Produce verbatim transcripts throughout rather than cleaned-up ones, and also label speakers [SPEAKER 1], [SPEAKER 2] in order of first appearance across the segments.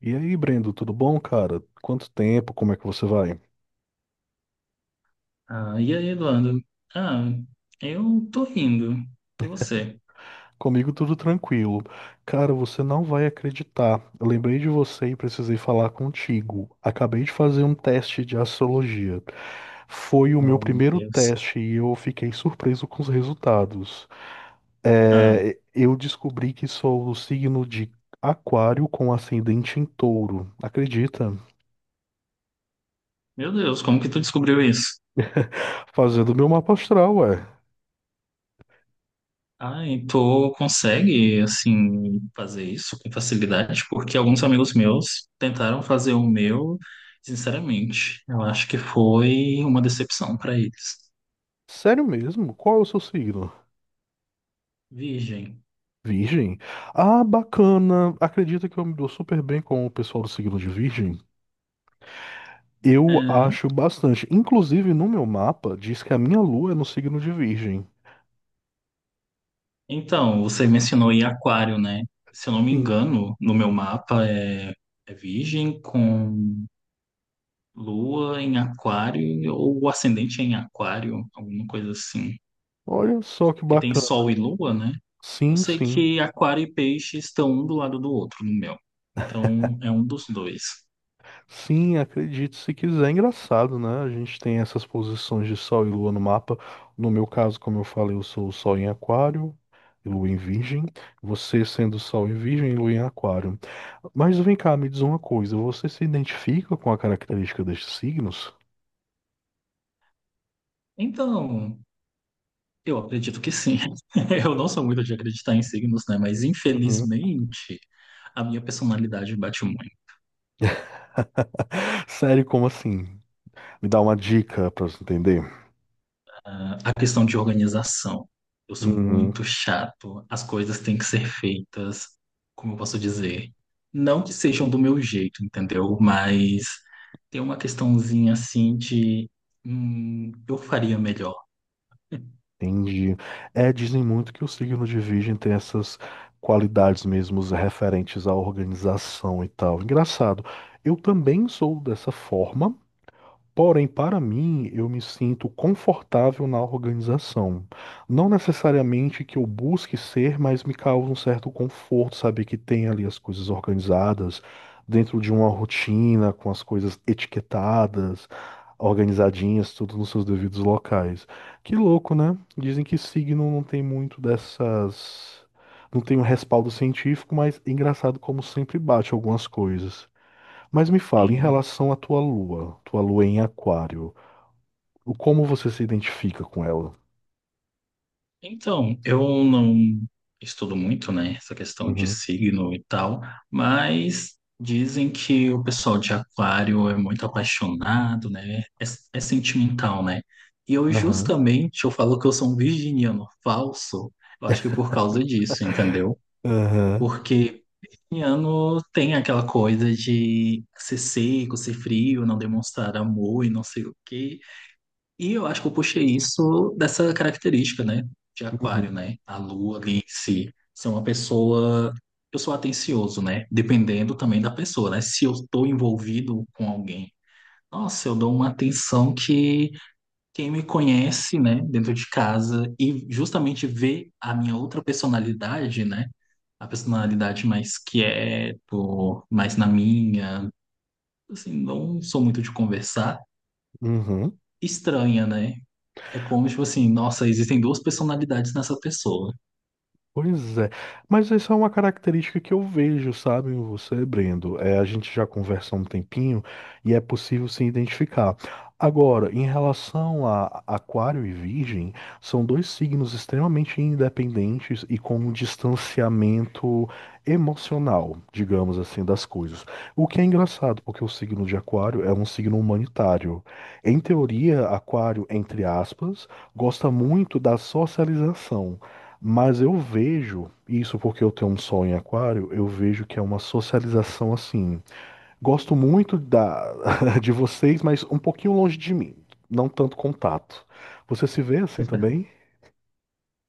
[SPEAKER 1] E aí, Brendo, tudo bom, cara? Quanto tempo? Como é que você vai?
[SPEAKER 2] Ah, e aí, Eduardo? Ah, eu tô rindo. E você?
[SPEAKER 1] Comigo tudo tranquilo. Cara, você não vai acreditar. Eu lembrei de você e precisei falar contigo. Acabei de fazer um teste de astrologia. Foi o meu
[SPEAKER 2] Oh, meu
[SPEAKER 1] primeiro
[SPEAKER 2] Deus.
[SPEAKER 1] teste e eu fiquei surpreso com os resultados.
[SPEAKER 2] Ah,
[SPEAKER 1] É, eu descobri que sou do signo de Aquário com ascendente em Touro. Acredita?
[SPEAKER 2] meu Deus, como que tu descobriu isso?
[SPEAKER 1] Fazendo meu mapa astral, ué.
[SPEAKER 2] Ah, e tu consegue, assim, fazer isso com facilidade? Porque alguns amigos meus tentaram fazer o meu, sinceramente, eu acho que foi uma decepção para eles.
[SPEAKER 1] Sério mesmo? Qual é o seu signo?
[SPEAKER 2] Virgem.
[SPEAKER 1] Virgem? Ah, bacana. Acredita que eu me dou super bem com o pessoal do signo de Virgem? Eu
[SPEAKER 2] É,
[SPEAKER 1] acho bastante. Inclusive, no meu mapa, diz que a minha lua é no signo de Virgem.
[SPEAKER 2] então, você mencionou em Aquário, né? Se eu não me
[SPEAKER 1] Sim.
[SPEAKER 2] engano, no meu mapa é, é Virgem com Lua em Aquário, ou ascendente em Aquário, alguma coisa assim.
[SPEAKER 1] Olha só que
[SPEAKER 2] Porque tem
[SPEAKER 1] bacana.
[SPEAKER 2] Sol e Lua, né? Eu
[SPEAKER 1] Sim,
[SPEAKER 2] sei
[SPEAKER 1] sim.
[SPEAKER 2] que Aquário e Peixe estão um do lado do outro no meu. Então, é um dos dois.
[SPEAKER 1] Sim, acredite se quiser. É, engraçado, né? A gente tem essas posições de Sol e Lua no mapa. No meu caso, como eu falei, eu sou o Sol em Aquário e Lua em Virgem. Você sendo Sol em Virgem e Lua em Aquário. Mas vem cá, me diz uma coisa. Você se identifica com a característica destes signos?
[SPEAKER 2] Então, eu acredito que sim. Eu não sou muito de acreditar em signos, né? Mas,
[SPEAKER 1] Uhum.
[SPEAKER 2] infelizmente, a minha personalidade bate muito.
[SPEAKER 1] Sério, como assim? Me dá uma dica pra você entender.
[SPEAKER 2] Ah, a questão de organização. Eu sou
[SPEAKER 1] Uhum.
[SPEAKER 2] muito chato. As coisas têm que ser feitas, como eu posso dizer, não que sejam do meu jeito, entendeu? Mas tem uma questãozinha assim de, hum, eu faria melhor.
[SPEAKER 1] Entendi. É, dizem muito que o signo de Virgem tem essas qualidades mesmo referentes à organização e tal. Engraçado. Eu também sou dessa forma. Porém, para mim, eu me sinto confortável na organização. Não necessariamente que eu busque ser, mas me causa um certo conforto saber que tem ali as coisas organizadas, dentro de uma rotina, com as coisas etiquetadas, organizadinhas, tudo nos seus devidos locais. Que louco, né? Dizem que signo não tem muito dessas. Não tem um respaldo científico, mas engraçado como sempre bate algumas coisas. Mas me fala, em relação à tua lua, tua lua em aquário, o como você se identifica com ela?
[SPEAKER 2] Então, eu não estudo muito, né, essa questão de
[SPEAKER 1] Uhum.
[SPEAKER 2] signo e tal, mas dizem que o pessoal de Aquário é muito apaixonado, né, é, é sentimental, né? E eu
[SPEAKER 1] Aham.
[SPEAKER 2] justamente, eu falo que eu sou um virginiano falso, eu acho que por causa disso, entendeu?
[SPEAKER 1] Aham.
[SPEAKER 2] Porque virginiano tem aquela coisa de ser seco, ser frio, não demonstrar amor e não sei o quê. E eu acho que eu puxei isso dessa característica, né? De aquário,
[SPEAKER 1] Uhum.
[SPEAKER 2] né? A lua ali em si. Ser uma pessoa. Eu sou atencioso, né? Dependendo também da pessoa, né? Se eu estou envolvido com alguém, nossa, eu dou uma atenção que quem me conhece, né? Dentro de casa e justamente vê a minha outra personalidade, né? A personalidade mais quieto, mais na minha. Assim, não sou muito de conversar.
[SPEAKER 1] Uhum.
[SPEAKER 2] Estranha, né? É como, tipo assim, nossa, existem duas personalidades nessa pessoa.
[SPEAKER 1] Pois é, mas essa é uma característica que eu vejo, sabe, em você, Brendo. É, a gente já conversa há um tempinho e é possível se identificar. Agora, em relação a Aquário e Virgem, são dois signos extremamente independentes e com um distanciamento emocional, digamos assim, das coisas. O que é engraçado, porque o signo de Aquário é um signo humanitário. Em teoria, Aquário, entre aspas, gosta muito da socialização. Mas eu vejo, isso porque eu tenho um sol em aquário, eu vejo que é uma socialização assim. Gosto muito da, de vocês, mas um pouquinho longe de mim. Não tanto contato. Você se vê assim também?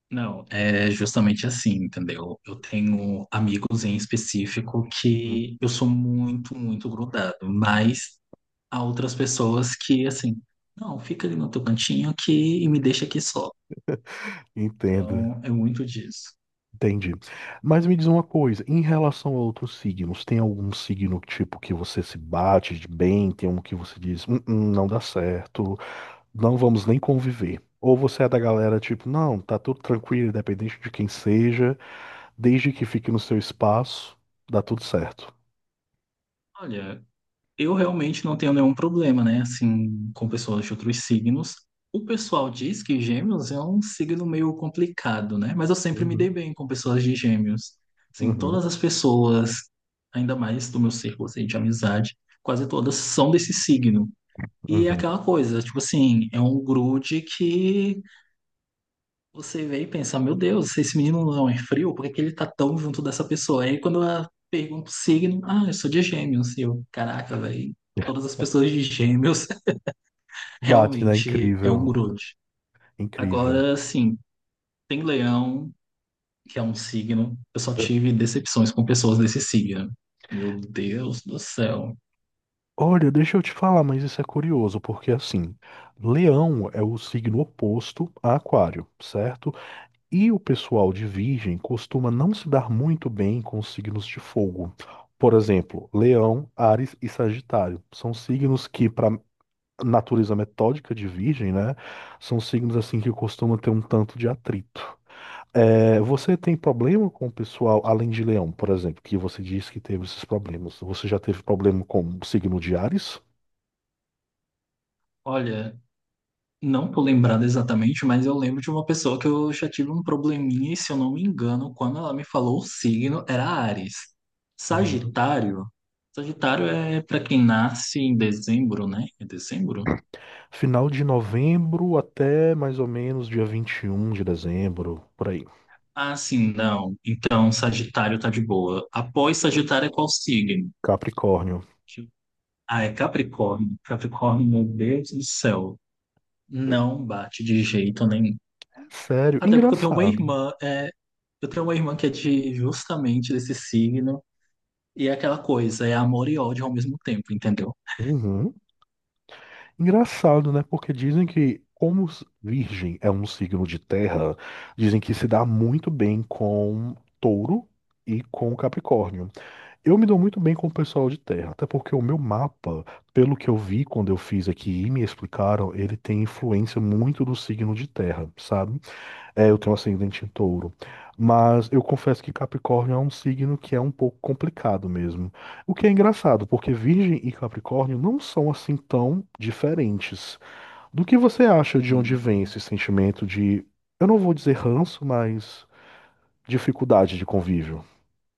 [SPEAKER 2] Não, é justamente assim, entendeu? Eu tenho amigos em específico
[SPEAKER 1] Uhum.
[SPEAKER 2] que eu sou muito, muito grudado, mas há outras pessoas que, assim, não, fica ali no teu cantinho aqui e me deixa aqui só.
[SPEAKER 1] Entendo.
[SPEAKER 2] Então, é muito disso.
[SPEAKER 1] Entendi. Mas me diz uma coisa, em relação a outros signos, tem algum signo tipo que você se bate de bem, tem um que você diz, "Hum, hum, não dá certo, não vamos nem conviver". Ou você é da galera tipo, não, tá tudo tranquilo, independente de quem seja. Desde que fique no seu espaço, dá tudo certo.
[SPEAKER 2] Olha, eu realmente não tenho nenhum problema, né? Assim, com pessoas de outros signos. O pessoal diz que gêmeos é um signo meio complicado, né? Mas eu sempre me dei
[SPEAKER 1] Uhum,
[SPEAKER 2] bem com pessoas de gêmeos. Assim,
[SPEAKER 1] uhum,
[SPEAKER 2] todas as pessoas, ainda mais do meu círculo assim, de amizade, quase todas são desse signo. E é
[SPEAKER 1] uhum.
[SPEAKER 2] aquela coisa, tipo assim, é um grude que você vê e pensa, meu Deus, esse menino não é frio, por que que ele tá tão junto dessa pessoa? Aí quando eu pergunto o signo, ah, eu sou de gêmeos, e eu, caraca, velho, todas as pessoas de gêmeos
[SPEAKER 1] Bate, né?
[SPEAKER 2] realmente é um
[SPEAKER 1] Incrível.
[SPEAKER 2] grude.
[SPEAKER 1] Incrível.
[SPEAKER 2] Agora, sim, tem leão, que é um signo, eu só tive decepções com pessoas desse signo. Meu Deus do céu.
[SPEAKER 1] Olha, deixa eu te falar, mas isso é curioso, porque assim, Leão é o signo oposto a Aquário, certo? E o pessoal de Virgem costuma não se dar muito bem com os signos de fogo. Por exemplo, Leão, Áries e Sagitário são signos que, para natureza metódica de Virgem, né, são signos assim que costumam ter um tanto de atrito. É, você tem problema com o pessoal, além de Leão, por exemplo, que você disse que teve esses problemas. Você já teve problema com o signo de Áries?
[SPEAKER 2] Olha, não tô lembrado exatamente, mas eu lembro de uma pessoa que eu já tive um probleminha, e se eu não me engano, quando ela me falou o signo, era Áries.
[SPEAKER 1] Uhum.
[SPEAKER 2] Sagitário. Sagitário é para quem nasce em dezembro, né? É dezembro?
[SPEAKER 1] Final de novembro até mais ou menos dia vinte e um de dezembro, por aí.
[SPEAKER 2] Ah, sim, não. Então, Sagitário tá de boa. Após Sagitário é qual signo?
[SPEAKER 1] Capricórnio.
[SPEAKER 2] Deixa eu- Ah, é Capricórnio. Capricórnio, meu Deus do céu.
[SPEAKER 1] É,
[SPEAKER 2] Não bate de jeito nenhum.
[SPEAKER 1] sério,
[SPEAKER 2] Até porque eu tenho uma
[SPEAKER 1] engraçado.
[SPEAKER 2] irmã, é, eu tenho uma irmã que é de justamente desse signo. E é aquela coisa, é amor e ódio ao mesmo tempo, entendeu?
[SPEAKER 1] Uhum. Engraçado, né? Porque dizem que, como s- Virgem é um signo de terra, dizem que se dá muito bem com touro e com Capricórnio. Eu me dou muito bem com o pessoal de terra, até porque o meu mapa, pelo que eu vi quando eu fiz aqui e me explicaram, ele tem influência muito do signo de terra, sabe? É, eu tenho ascendente em touro. Mas eu confesso que Capricórnio é um signo que é um pouco complicado mesmo. O que é engraçado, porque Virgem e Capricórnio não são assim tão diferentes. Do que você acha de onde
[SPEAKER 2] Sim.
[SPEAKER 1] vem esse sentimento de, eu não vou dizer ranço, mas dificuldade de convívio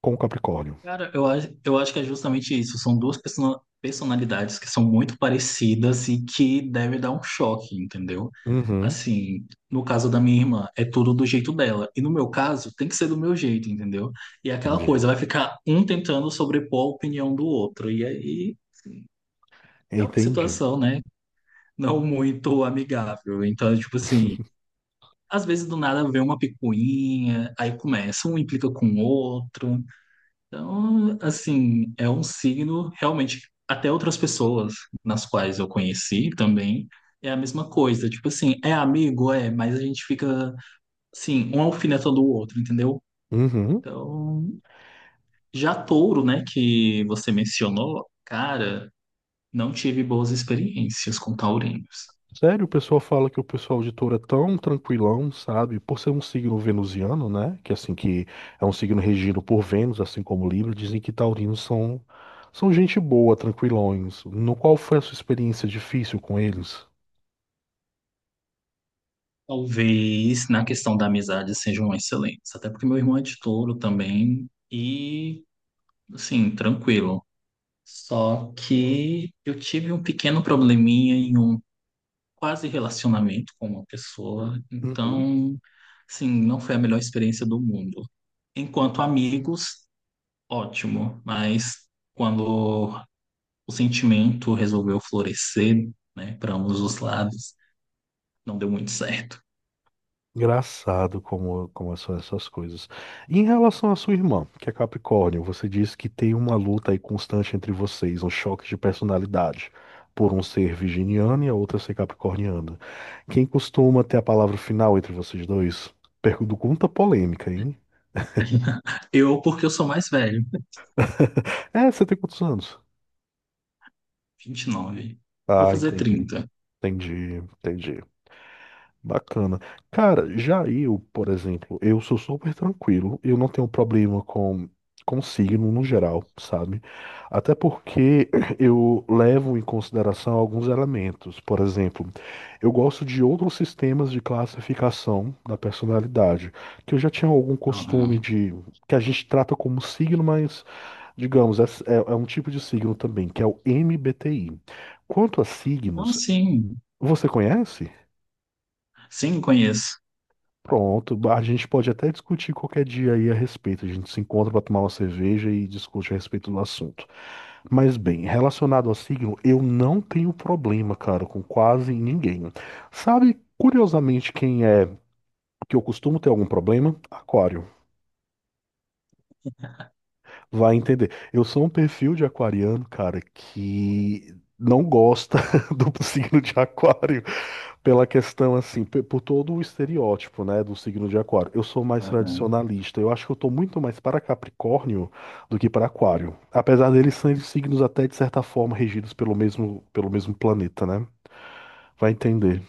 [SPEAKER 1] com o Capricórnio?
[SPEAKER 2] Cara, eu acho, eu acho que é justamente isso. São duas perso- personalidades que são muito parecidas e que deve dar um choque, entendeu?
[SPEAKER 1] Uhum,
[SPEAKER 2] Assim, no caso da minha irmã, é tudo do jeito dela. E no meu caso, tem que ser do meu jeito, entendeu? E é aquela
[SPEAKER 1] entendi.
[SPEAKER 2] coisa, vai ficar um tentando sobrepor a opinião do outro. E aí é uma
[SPEAKER 1] Entendi.
[SPEAKER 2] situação, né? Não muito amigável. Então, tipo assim. Às vezes do nada vem uma picuinha, aí começa, um implica com o outro. Então, assim, é um signo realmente. Até outras pessoas nas quais eu conheci também é a mesma coisa. Tipo assim, é amigo, é, mas a gente fica, assim, um alfinetando o outro, entendeu?
[SPEAKER 1] Uhum.
[SPEAKER 2] Então, já touro, né, que você mencionou, cara, não tive boas experiências com taurinos.
[SPEAKER 1] Sério, o pessoal fala que o pessoal de touro é tão tranquilão, sabe? Por ser um signo venusiano, né? Que assim que é um signo regido por Vênus, assim como Libra, dizem que taurinos são são gente boa, tranquilões. No qual foi a sua experiência difícil com eles?
[SPEAKER 2] Talvez na questão da amizade sejam excelentes, até porque meu irmão é de touro também e, assim, tranquilo. Só que eu tive um pequeno probleminha em um quase relacionamento com uma pessoa, então, assim, não foi a melhor experiência do mundo. Enquanto amigos, ótimo, mas quando o sentimento resolveu florescer, né, para ambos os lados, não deu muito certo.
[SPEAKER 1] Engraçado como, como são essas coisas. E em relação à sua irmã, que é Capricórnio, você disse que tem uma luta aí constante entre vocês, um choque de personalidade, por um ser virginiano e a outra ser capricorniana. Quem costuma ter a palavra final entre vocês dois? Pergunta polêmica, hein?
[SPEAKER 2] Eu, porque eu sou mais velho.
[SPEAKER 1] É, você tem quantos anos?
[SPEAKER 2] Vinte e nove. Vou
[SPEAKER 1] Ah,
[SPEAKER 2] fazer
[SPEAKER 1] entendi.
[SPEAKER 2] trinta.
[SPEAKER 1] Entendi, entendi. Bacana. Cara, já eu, por exemplo, eu sou super tranquilo, eu não tenho problema com, com signo no geral, sabe? Até porque eu levo em consideração alguns elementos. Por exemplo, eu gosto de outros sistemas de classificação da personalidade, que eu já tinha algum costume
[SPEAKER 2] Aham.
[SPEAKER 1] de, que a gente trata como signo, mas, digamos, é, é é um tipo de signo também, que é o M B T I. Quanto a
[SPEAKER 2] Ah,
[SPEAKER 1] signos,
[SPEAKER 2] sim.
[SPEAKER 1] você conhece?
[SPEAKER 2] Sim, conheço.
[SPEAKER 1] Pronto, a gente pode até discutir qualquer dia aí a respeito. A gente se encontra para tomar uma cerveja e discute a respeito do assunto. Mas bem, relacionado ao signo, eu não tenho problema, cara, com quase ninguém. Sabe, curiosamente, quem é que eu costumo ter algum problema? Aquário. Vai entender. Eu sou um perfil de aquariano, cara, que não gosta do signo de aquário pela questão assim, pe- por todo o estereótipo, né, do signo de aquário. Eu sou mais
[SPEAKER 2] Aham.
[SPEAKER 1] tradicionalista. Eu acho que eu tô muito mais para Capricórnio do que para Aquário, apesar deles serem signos até de certa forma regidos pelo mesmo pelo mesmo planeta, né? Vai entender.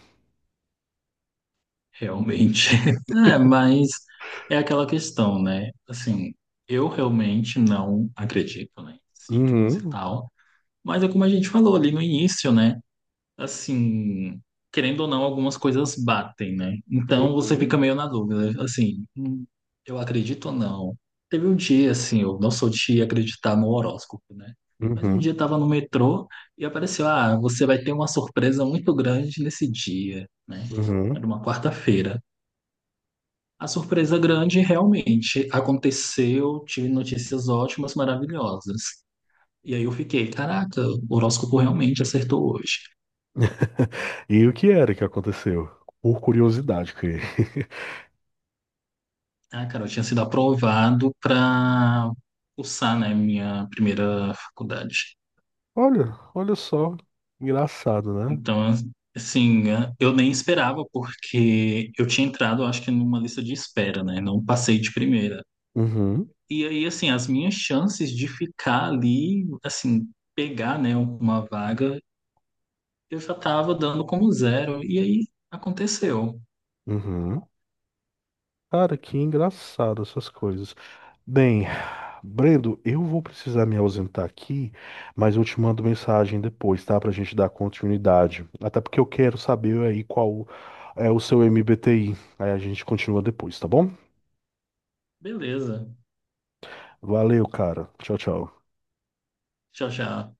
[SPEAKER 2] Realmente. É, mas é aquela questão, né? Assim, eu realmente não acredito, né, em signos e
[SPEAKER 1] Uhum,
[SPEAKER 2] tal. Mas é como a gente falou ali no início, né? Assim, querendo ou não, algumas coisas batem, né? Então você fica
[SPEAKER 1] uhum,
[SPEAKER 2] meio na dúvida, assim, hum, eu acredito ou não? Teve um dia, assim, eu não sou de acreditar no horóscopo, né? Mas um
[SPEAKER 1] uhum,
[SPEAKER 2] dia eu tava no metrô e apareceu, ah, você vai ter uma surpresa muito grande nesse dia, né?
[SPEAKER 1] uhum.
[SPEAKER 2] Era uma quarta-feira. A surpresa grande realmente aconteceu, tive notícias ótimas, maravilhosas. E aí eu fiquei, caraca, o horóscopo realmente acertou hoje.
[SPEAKER 1] E o que era que aconteceu? Por curiosidade, que
[SPEAKER 2] Ah, cara, eu tinha sido aprovado para cursar, né, minha primeira faculdade.
[SPEAKER 1] Olha, olha só. Engraçado, né?
[SPEAKER 2] Então, assim, né, eu nem esperava, porque eu tinha entrado, acho que numa lista de espera, né, não passei de primeira.
[SPEAKER 1] Uhum,
[SPEAKER 2] E aí, assim, as minhas chances de ficar ali, assim, pegar, né, uma vaga, eu já estava dando como zero. E aí, aconteceu.
[SPEAKER 1] uhum. Cara, que engraçado essas coisas. Bem, Brendo, eu vou precisar me ausentar aqui, mas eu te mando mensagem depois, tá? Pra gente dar continuidade. Até porque eu quero saber aí qual é o seu M B T I. Aí a gente continua depois, tá bom?
[SPEAKER 2] Beleza.
[SPEAKER 1] Valeu, cara. Tchau, tchau.
[SPEAKER 2] Tchau, tchau.